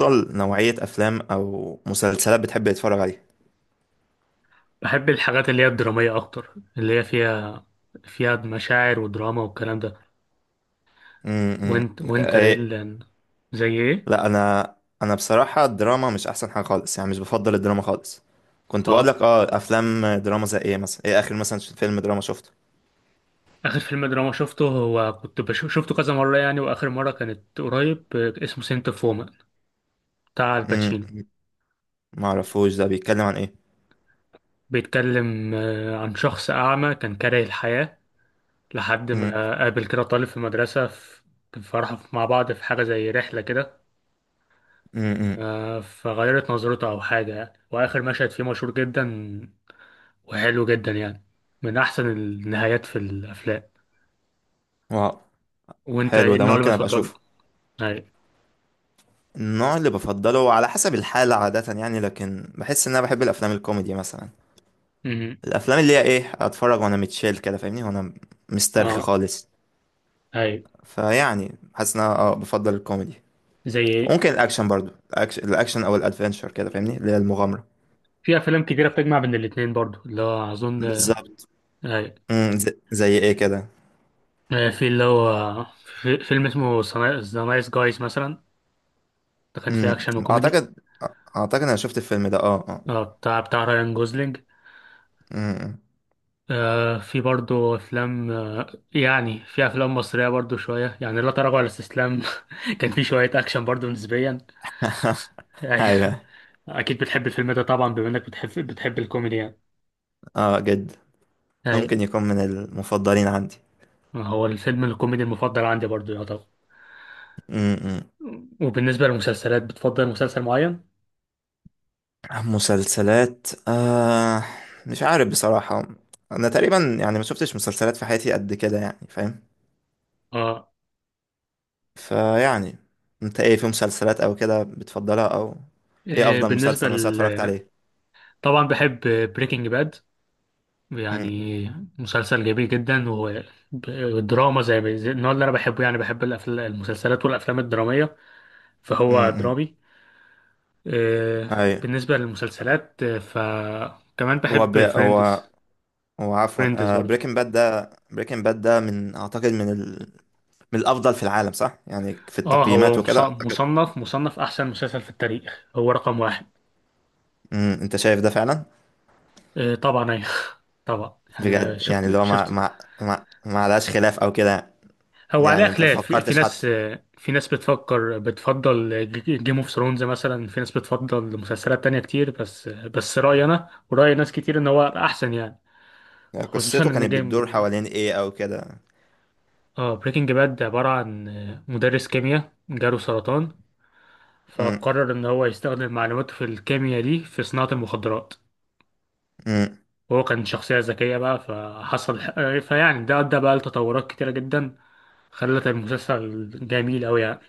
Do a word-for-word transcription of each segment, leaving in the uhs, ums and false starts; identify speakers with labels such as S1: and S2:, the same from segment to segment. S1: أفضل نوعية أفلام أو مسلسلات بتحب تتفرج عليها؟
S2: بحب الحاجات اللي هي الدرامية أكتر اللي هي فيها فيها مشاعر ودراما والكلام ده.
S1: امم.
S2: وانت وانت ايه
S1: إيه.
S2: اللي يعني؟ زي ايه؟
S1: لا، أنا أنا بصراحة الدراما مش أحسن حاجة خالص، يعني مش بفضل الدراما خالص. كنت بقول
S2: اه،
S1: لك أه أفلام دراما زي إيه مثلا، إيه آخر مثلا فيلم دراما شفته؟
S2: آخر فيلم دراما شفته هو كنت بشوف شفته كذا مرة يعني، وآخر مرة كانت قريب، آه، اسمه سنت اوف وومن، بتاع الباتشينو.
S1: امم. معرفوش ده بيتكلم عن إيه؟
S2: بيتكلم آه، عن شخص أعمى كان كاره الحياة لحد
S1: امم.
S2: ما قابل كده طالب في مدرسة، في كان فرحوا مع بعض في حاجة زي رحلة كده،
S1: امم.
S2: آه، فغيرت نظرته أو حاجة يعني. وآخر مشهد فيه مشهور جدا وحلو جدا يعني، من احسن النهايات في الافلام.
S1: واو.
S2: وانت
S1: حلو،
S2: ايه
S1: ده
S2: النوع اللي
S1: ممكن أبقى
S2: بتفضله؟
S1: أشوفه.
S2: اي.
S1: النوع اللي بفضله على حسب الحالة عادة، يعني، لكن بحس إن أنا بحب الأفلام الكوميدي مثلا.
S2: امم
S1: الأفلام اللي هي، إيه، أتفرج وأنا متشيل كده، فاهمني؟ وأنا مسترخي
S2: اه.
S1: خالص.
S2: اي.
S1: فيعني حاسس ان انا اه بفضل الكوميدي.
S2: زي ايه؟
S1: ممكن الاكشن برضو، الأكش... الاكشن او الادفنتشر كده، فاهمني، اللي هي المغامره.
S2: في افلام كتيره بتجمع بين الاتنين برضو اللي هو اظن.
S1: بالظبط.
S2: اي.
S1: امم. زي... زي ايه كده؟
S2: آه، في اللي هو، في فيلم اسمه ذا نايس جايز مثلا، ده كان فيه
S1: امم
S2: اكشن وكوميدي.
S1: اعتقد اعتقد انا شفت الفيلم ده، اه، اه.
S2: اه، بتاع بتاع رايان جوزلينج.
S1: امم.
S2: آه، في برضو افلام، آه يعني في افلام مصريه برضو شويه يعني، لا تراجع ولا استسلام. كان فيه شويه اكشن برضو نسبيا. أيوة.
S1: ايوه.
S2: اكيد بتحب الفيلم ده طبعا بما انك بتحب بتحب الكوميدي يعني.
S1: اه، جد.
S2: اي.
S1: ممكن يكون من المفضلين عندي.
S2: هو الفيلم الكوميدي المفضل عندي برضو يعتبر.
S1: امم.
S2: وبالنسبه للمسلسلات، بتفضل مسلسل معين؟
S1: مسلسلات، آه... مش عارف بصراحه. انا تقريبا يعني ما شفتش مسلسلات في حياتي قد كده، يعني فاهم؟
S2: اه.
S1: فيعني، انت ايه في مسلسلات او كده بتفضلها او...؟ ايه
S2: إيه،
S1: افضل
S2: بالنسبه
S1: مسلسل مثلا
S2: ل...
S1: اتفرجت عليه؟
S2: طبعا بحب بريكنج باد
S1: امم.
S2: يعني. مسلسل جميل جدا، ودراما زي ما- زي النوع اللي انا بحبه يعني، بحب الأفل... المسلسلات والافلام الدراميه، فهو
S1: امم.
S2: درامي. إيه،
S1: اي.
S2: بالنسبه للمسلسلات، آه، فكمان
S1: هو ب...
S2: بحب
S1: هو
S2: فريندز.
S1: هو عفوا،
S2: فريندز
S1: آه
S2: برضو.
S1: بريكنج باد ده، بريكنج باد ده من اعتقد من ال... من الافضل في العالم صح، يعني في
S2: اه، هو
S1: التقييمات
S2: مص-
S1: وكده اعتقد.
S2: مصنف، مصنف احسن مسلسل في التاريخ، هو رقم واحد.
S1: امم. انت شايف ده فعلا؟
S2: آه طبعا ايوه. طبعا يعني ما
S1: بجد؟ يعني اللي
S2: شفت
S1: هو ما
S2: شفت
S1: ما ما ما عليهاش خلاف او كده.
S2: هو عليه
S1: يعني انت ما
S2: خلاف، في, في
S1: فكرتش
S2: ناس،
S1: حتى؟
S2: آه، في ناس بتفكر بتفضل جيم اوف ثرونز مثلا، في ناس بتفضل مسلسلات تانية كتير، بس بس رأيي انا ورأي ناس كتير ان هو احسن يعني.
S1: يعني
S2: خصوصا
S1: قصته
S2: ان
S1: كانت بتدور
S2: جيم،
S1: حوالين ايه او كده؟
S2: اه بريكنج باد عبارة عن آه، مدرس كيمياء جاله سرطان،
S1: امم.
S2: فقرر ان هو يستخدم معلوماته في الكيمياء دي في صناعة المخدرات.
S1: امم.
S2: هو كان شخصية ذكية بقى فحصل، فيعني ده أدى بقى لتطورات كتيرة جدا خلت المسلسل جميل أوي يعني.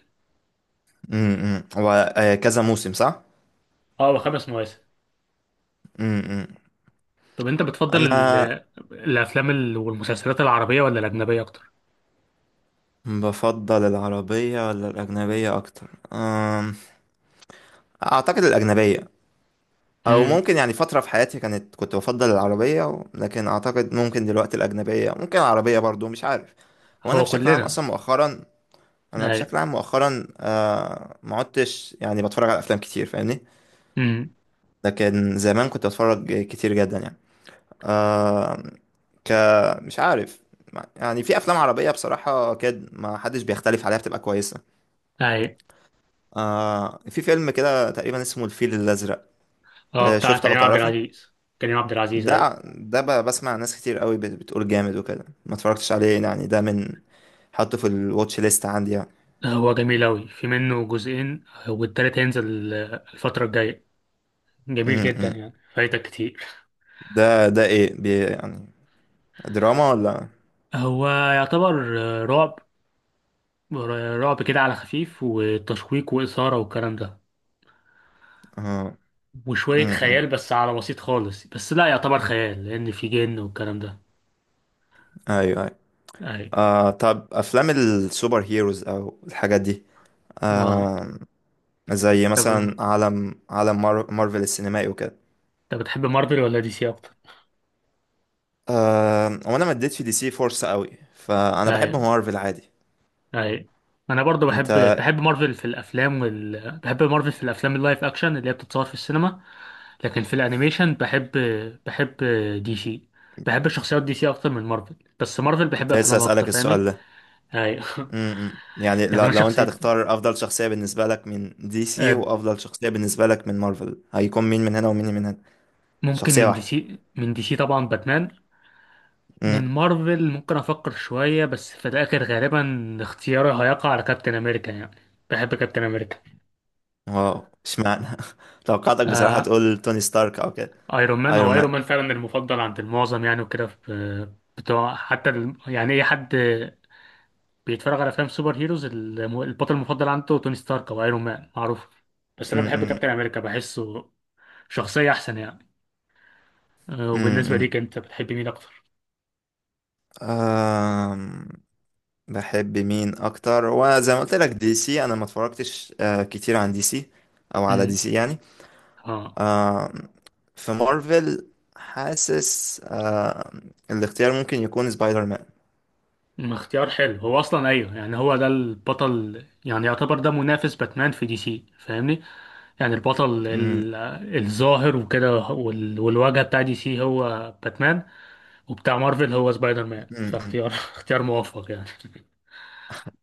S1: امم. هو آه، كذا موسم صح؟
S2: اه، وخمس مواسم.
S1: امم.
S2: طب أنت بتفضل
S1: انا.
S2: ال- الأفلام ال- والمسلسلات العربية ولا الأجنبية أكتر؟
S1: بفضل العربية ولا الأجنبية أكتر؟ أم، أعتقد الأجنبية. أو
S2: امم
S1: ممكن، يعني، فترة في حياتي كانت كنت بفضل العربية و- لكن أعتقد ممكن دلوقتي الأجنبية، ممكن العربية برضو، مش عارف. هو أنا
S2: هو
S1: بشكل عام
S2: كلنا.
S1: أصلا مؤخرا. أنا
S2: أي.
S1: بشكل عام مؤخرا آه، ما عدتش، يعني، بتفرج على أفلام كتير، فاهمني.
S2: امم
S1: لكن زمان كنت بتفرج كتير جدا يعني. آه، ك مش عارف. يعني في أفلام عربية بصراحة كده ما حدش بيختلف عليها، بتبقى كويسة.
S2: أي.
S1: آه في فيلم كده تقريبا اسمه الفيل الأزرق.
S2: اه
S1: آه
S2: بتاع
S1: شفته أو
S2: كريم عبد
S1: تعرفه؟
S2: العزيز. كريم عبد العزيز، أي.
S1: ده ده ب- بسمع ناس كتير قوي بت- بتقول جامد وكده، ما اتفرجتش عليه يعني، ده من... حطه في الواتش ليست عندي يعني.
S2: هو جميل أوي، في منه جزئين والتالت هينزل الفترة الجاية. جميل
S1: م-
S2: جدا
S1: م.
S2: يعني، فايتك كتير.
S1: ده ده ايه بي يعني؟ دراما ولا...؟
S2: هو يعتبر رعب، رعب كده على خفيف، وتشويق وإثارة والكلام ده،
S1: اه. م-
S2: وشوية
S1: م.
S2: خيال بس على بسيط خالص، بس لا يعتبر خيال لأن في جن والكلام ده.
S1: ايوه، ايوه.
S2: أي.
S1: آه طب افلام السوبر هيروز او الحاجات دي؟
S2: اه.
S1: آه زي مثلا
S2: طب
S1: عالم عالم مار مارفل السينمائي وكده.
S2: طب بتحب مارفل ولا دي سي أكتر؟
S1: آه وانا ما اديتش دي سي فرصة قوي، فانا بحب
S2: أي.
S1: مارفل عادي.
S2: أي. أنا برضو بحب
S1: انت.
S2: بحب مارفل في الأفلام وال... بحب مارفل في الأفلام اللايف أكشن اللي هي بتتصور في السينما. لكن في الأنيميشن بحب بحب دي سي، بحب شخصيات دي سي أكتر من مارفل. بس مارفل بحب
S1: كنت لسه
S2: أفلامها أكتر،
S1: أسألك
S2: فاهمني؟
S1: السؤال ده.
S2: أي.
S1: امم يعني
S2: يعني
S1: لو,
S2: أنا
S1: لو انت
S2: شخصية،
S1: هتختار افضل شخصية بالنسبة لك من دي سي، وافضل شخصية بالنسبة لك من مارفل، هيكون مين من هنا ومين من هنا؟
S2: ممكن
S1: شخصية
S2: من دي
S1: واحدة؟
S2: سي، من دي سي طبعا باتمان. من
S1: امم.
S2: مارفل ممكن افكر شوية بس في الاخر غالبا اختياري هيقع على كابتن امريكا يعني. بحب كابتن امريكا.
S1: واو، اشمعنى؟ توقعتك بصراحة
S2: آه.
S1: تقول توني ستارك او كده.
S2: ايرون مان،
S1: ايرون
S2: هو
S1: مان.
S2: ايرون مان فعلا المفضل عند المعظم يعني وكده، في بتوع حتى ال... يعني اي حد بيتفرج على افلام سوبر هيروز الم- البطل المفضل عنده توني ستارك او ايرون مان، معروف. بس انا بحب
S1: امم.
S2: كابتن امريكا، بحسه شخصية احسن يعني. آه، وبالنسبة
S1: امم.
S2: ليك انت بتحب مين اكتر؟
S1: أم، بحب مين اكتر، وزي ما قلت لك دي سي انا ما اتفرجتش آه، كتير عن دي سي او على دي
S2: امم
S1: سي يعني.
S2: اه.
S1: آه في مارفل، حاسس آه الاختيار ممكن يكون سبايدر مان.
S2: مم، اختيار حلو، هو اصلا ايوه يعني، هو ده البطل يعني، يعتبر ده منافس باتمان في دي سي، فاهمني؟ يعني البطل
S1: مم،
S2: ال- الظاهر وكده وال- والواجهه بتاع دي سي هو باتمان، وبتاع مارفل هو سبايدر مان،
S1: مم، مم.
S2: فاختيار اختيار موفق يعني.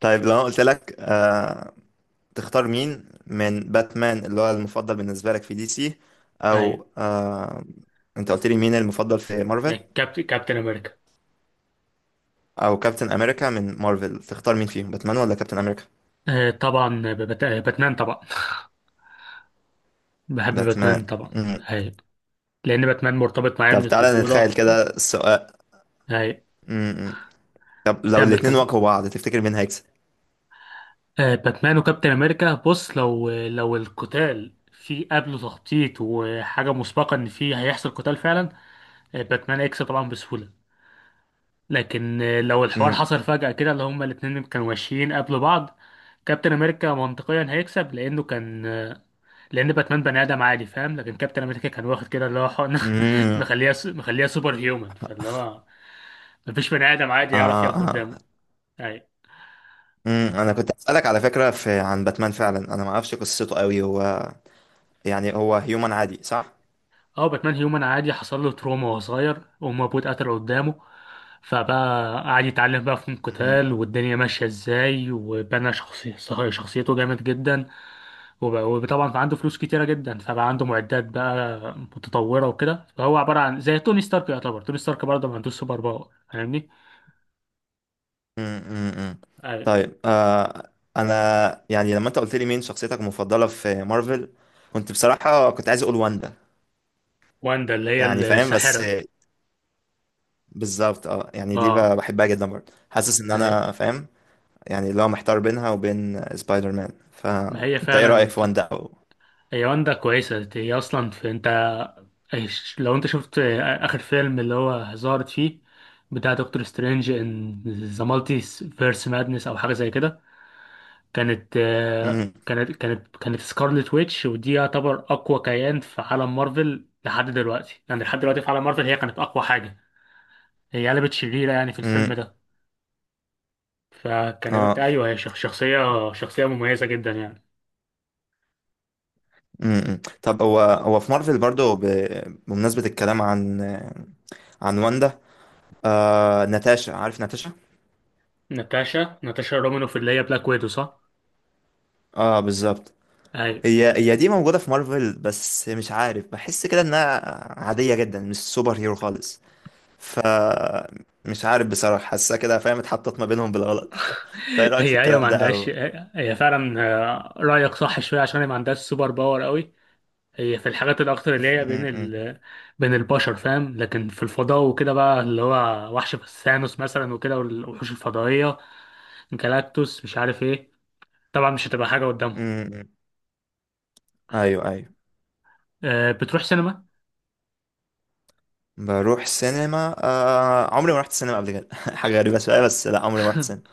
S1: طيب، لو أنا قلت لك آه تختار مين من باتمان اللي هو المفضل بالنسبة لك في دي سي،
S2: ايوه.
S1: او آه انت قلت لي مين المفضل في مارفل،
S2: يعني كابت... كابتن امريكا.
S1: او كابتن امريكا من مارفل تختار مين فيهم، باتمان ولا كابتن امريكا؟
S2: آه طبعا، ببت... باتمان طبعا. بحب باتمان
S1: باتمان.
S2: طبعا.
S1: مم.
S2: ايوه. لان باتمان مرتبط معايا
S1: طب
S2: من
S1: تعالى نتخيل
S2: الطفوله.
S1: كده السؤال.
S2: ايوه.
S1: مم، مم. طب لو
S2: كمل
S1: الاتنين
S2: كمل.
S1: واجهوا بعض، تفتكر مين هيكسب؟
S2: آه، باتمان وكابتن امريكا، بص، لو لو القتال في قبله تخطيط وحاجه مسبقه ان في هيحصل قتال فعلا، آه، باتمان اكس طبعا بسهوله. لكن، آه، لو الحوار
S1: مم،
S2: حصل فجاه كده اللي هما الاتنين كانوا ماشيين قبل بعض، كابتن امريكا منطقيا هيكسب لانه كان، آه، لان باتمان بني ادم عادي فاهم، لكن كابتن امريكا كان واخد كده اللي هو حقن
S1: مم.
S2: مخليها مخليها سوبر هيومن، فاللي هو مفيش بني ادم عادي يعرف
S1: آه،
S2: يقف
S1: آه.
S2: قدامه. أيوة.
S1: امم انا كنت اسالك على فكره، في، عن باتمان فعلا، انا ما اعرفش قصته قوي. هو، يعني هو هيومن عادي صح؟
S2: اه، باتمان هيومن عادي حصل له تروما وهو صغير، وأمه وأبوه اتقتلوا قدامه، فبقى قعد يتعلم بقى فنون
S1: امم.
S2: قتال والدنيا ماشية ازاي، وبنى شخصي... صح- شخصيته جامد جدا. وب- وطبعا كان عنده فلوس كتيرة جدا فبقى عنده معدات بقى متطورة وكده، فهو عبارة عن زي توني ستارك، يعتبر توني ستارك برضه ما عندوش سوبر باور، فاهمني؟
S1: امم.
S2: أيوة.
S1: طيب آه انا يعني لما انت قلت لي مين شخصيتك المفضله في مارفل، كنت بصراحه كنت عايز اقول واندا.
S2: واندا اللي هي
S1: يعني فاهم، بس.
S2: الساحرة.
S1: بالظبط اه، يعني دي ب-
S2: اه.
S1: بحبها جدا برضه، حاسس ان
S2: أيوة.
S1: انا فاهم. يعني اللي هو محتار بينها وبين سبايدر مان،
S2: ما هي
S1: فانت ايه رايك
S2: فعلا،
S1: في واندا او...؟
S2: هي واندا كويسة، هي أصلا في أنت، إيش- لو انت شفت، آه، اخر فيلم اللي هو ظهرت فيه بتاع دكتور سترينج ان ذا مالتي فيرس مادنس او حاجه زي كده، كانت، آه،
S1: امم.
S2: كانت كانت كانت سكارلت ويتش، ودي يعتبر اقوى كيان في عالم مارفل لحد دلوقتي يعني، لحد دلوقتي في عالم مارفل هي كانت اقوى حاجه. هي قلبت شريره يعني في الفيلم
S1: امم.
S2: ده. فكانت
S1: اه.
S2: ايوه، هي شخ- شخصيه شخصيه مميزه جدا يعني.
S1: امم طب هو هو في مارفل برضو، ب... بمناسبة الكلام عن عن واندا، آه... ناتاشا، عارف ناتاشا؟
S2: ناتاشا ناتاشا رومانوف اللي هي بلاك ويدو، صح؟
S1: اه، بالظبط.
S2: ايوه.
S1: هي هي دي موجودة في مارفل، بس مش عارف، بحس كده انها عادية جدا، مش سوبر هيرو خالص. ف مش عارف بصراحة، حاسة كده فاهم، اتحطت ما بينهم بالغلط. انت ايه رأيك في
S2: هي ايوه، ما
S1: الكلام ده
S2: عندهاش،
S1: او...؟
S2: هي فعلا، آه، رايك صح شويه، عشان هي ما عندهاش سوبر باور قوي. هي في الحاجات الاكتر اللي هي بين
S1: امم.
S2: ال... بين البشر، فاهم؟ لكن في الفضاء وكده بقى، اللي هو وحش ثانوس مثلا وكده، والوحوش الفضائيه، جالاكتوس مش عارف ايه، طبعا مش هتبقى حاجه قدامهم.
S1: امم. ايوه، ايوه.
S2: أه، بتروح سينما؟
S1: بروح سينما، آه... عمري ما رحت سينما قبل كده. حاجة غريبة شوية، بس لا، عمري ما رحت سينما.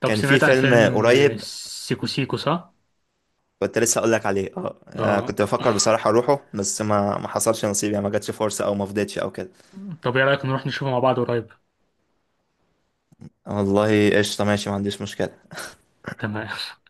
S2: طب
S1: كان في
S2: سمعت عن
S1: فيلم
S2: فيلم، آه،
S1: قريب.
S2: سيكو سيكو، صح؟
S1: كنت لسه اقول لك عليه، اه، آه،
S2: اه.
S1: كنت بفكر بصراحه اروحه، بس ما ما حصلش نصيب يعني، ما جاتش فرصه او ما فضيتش او كده.
S2: طب ايه رايك نروح نشوفه مع بعض قريب؟
S1: والله، قشطه، ماشي، ما عنديش مشكله.
S2: تمام.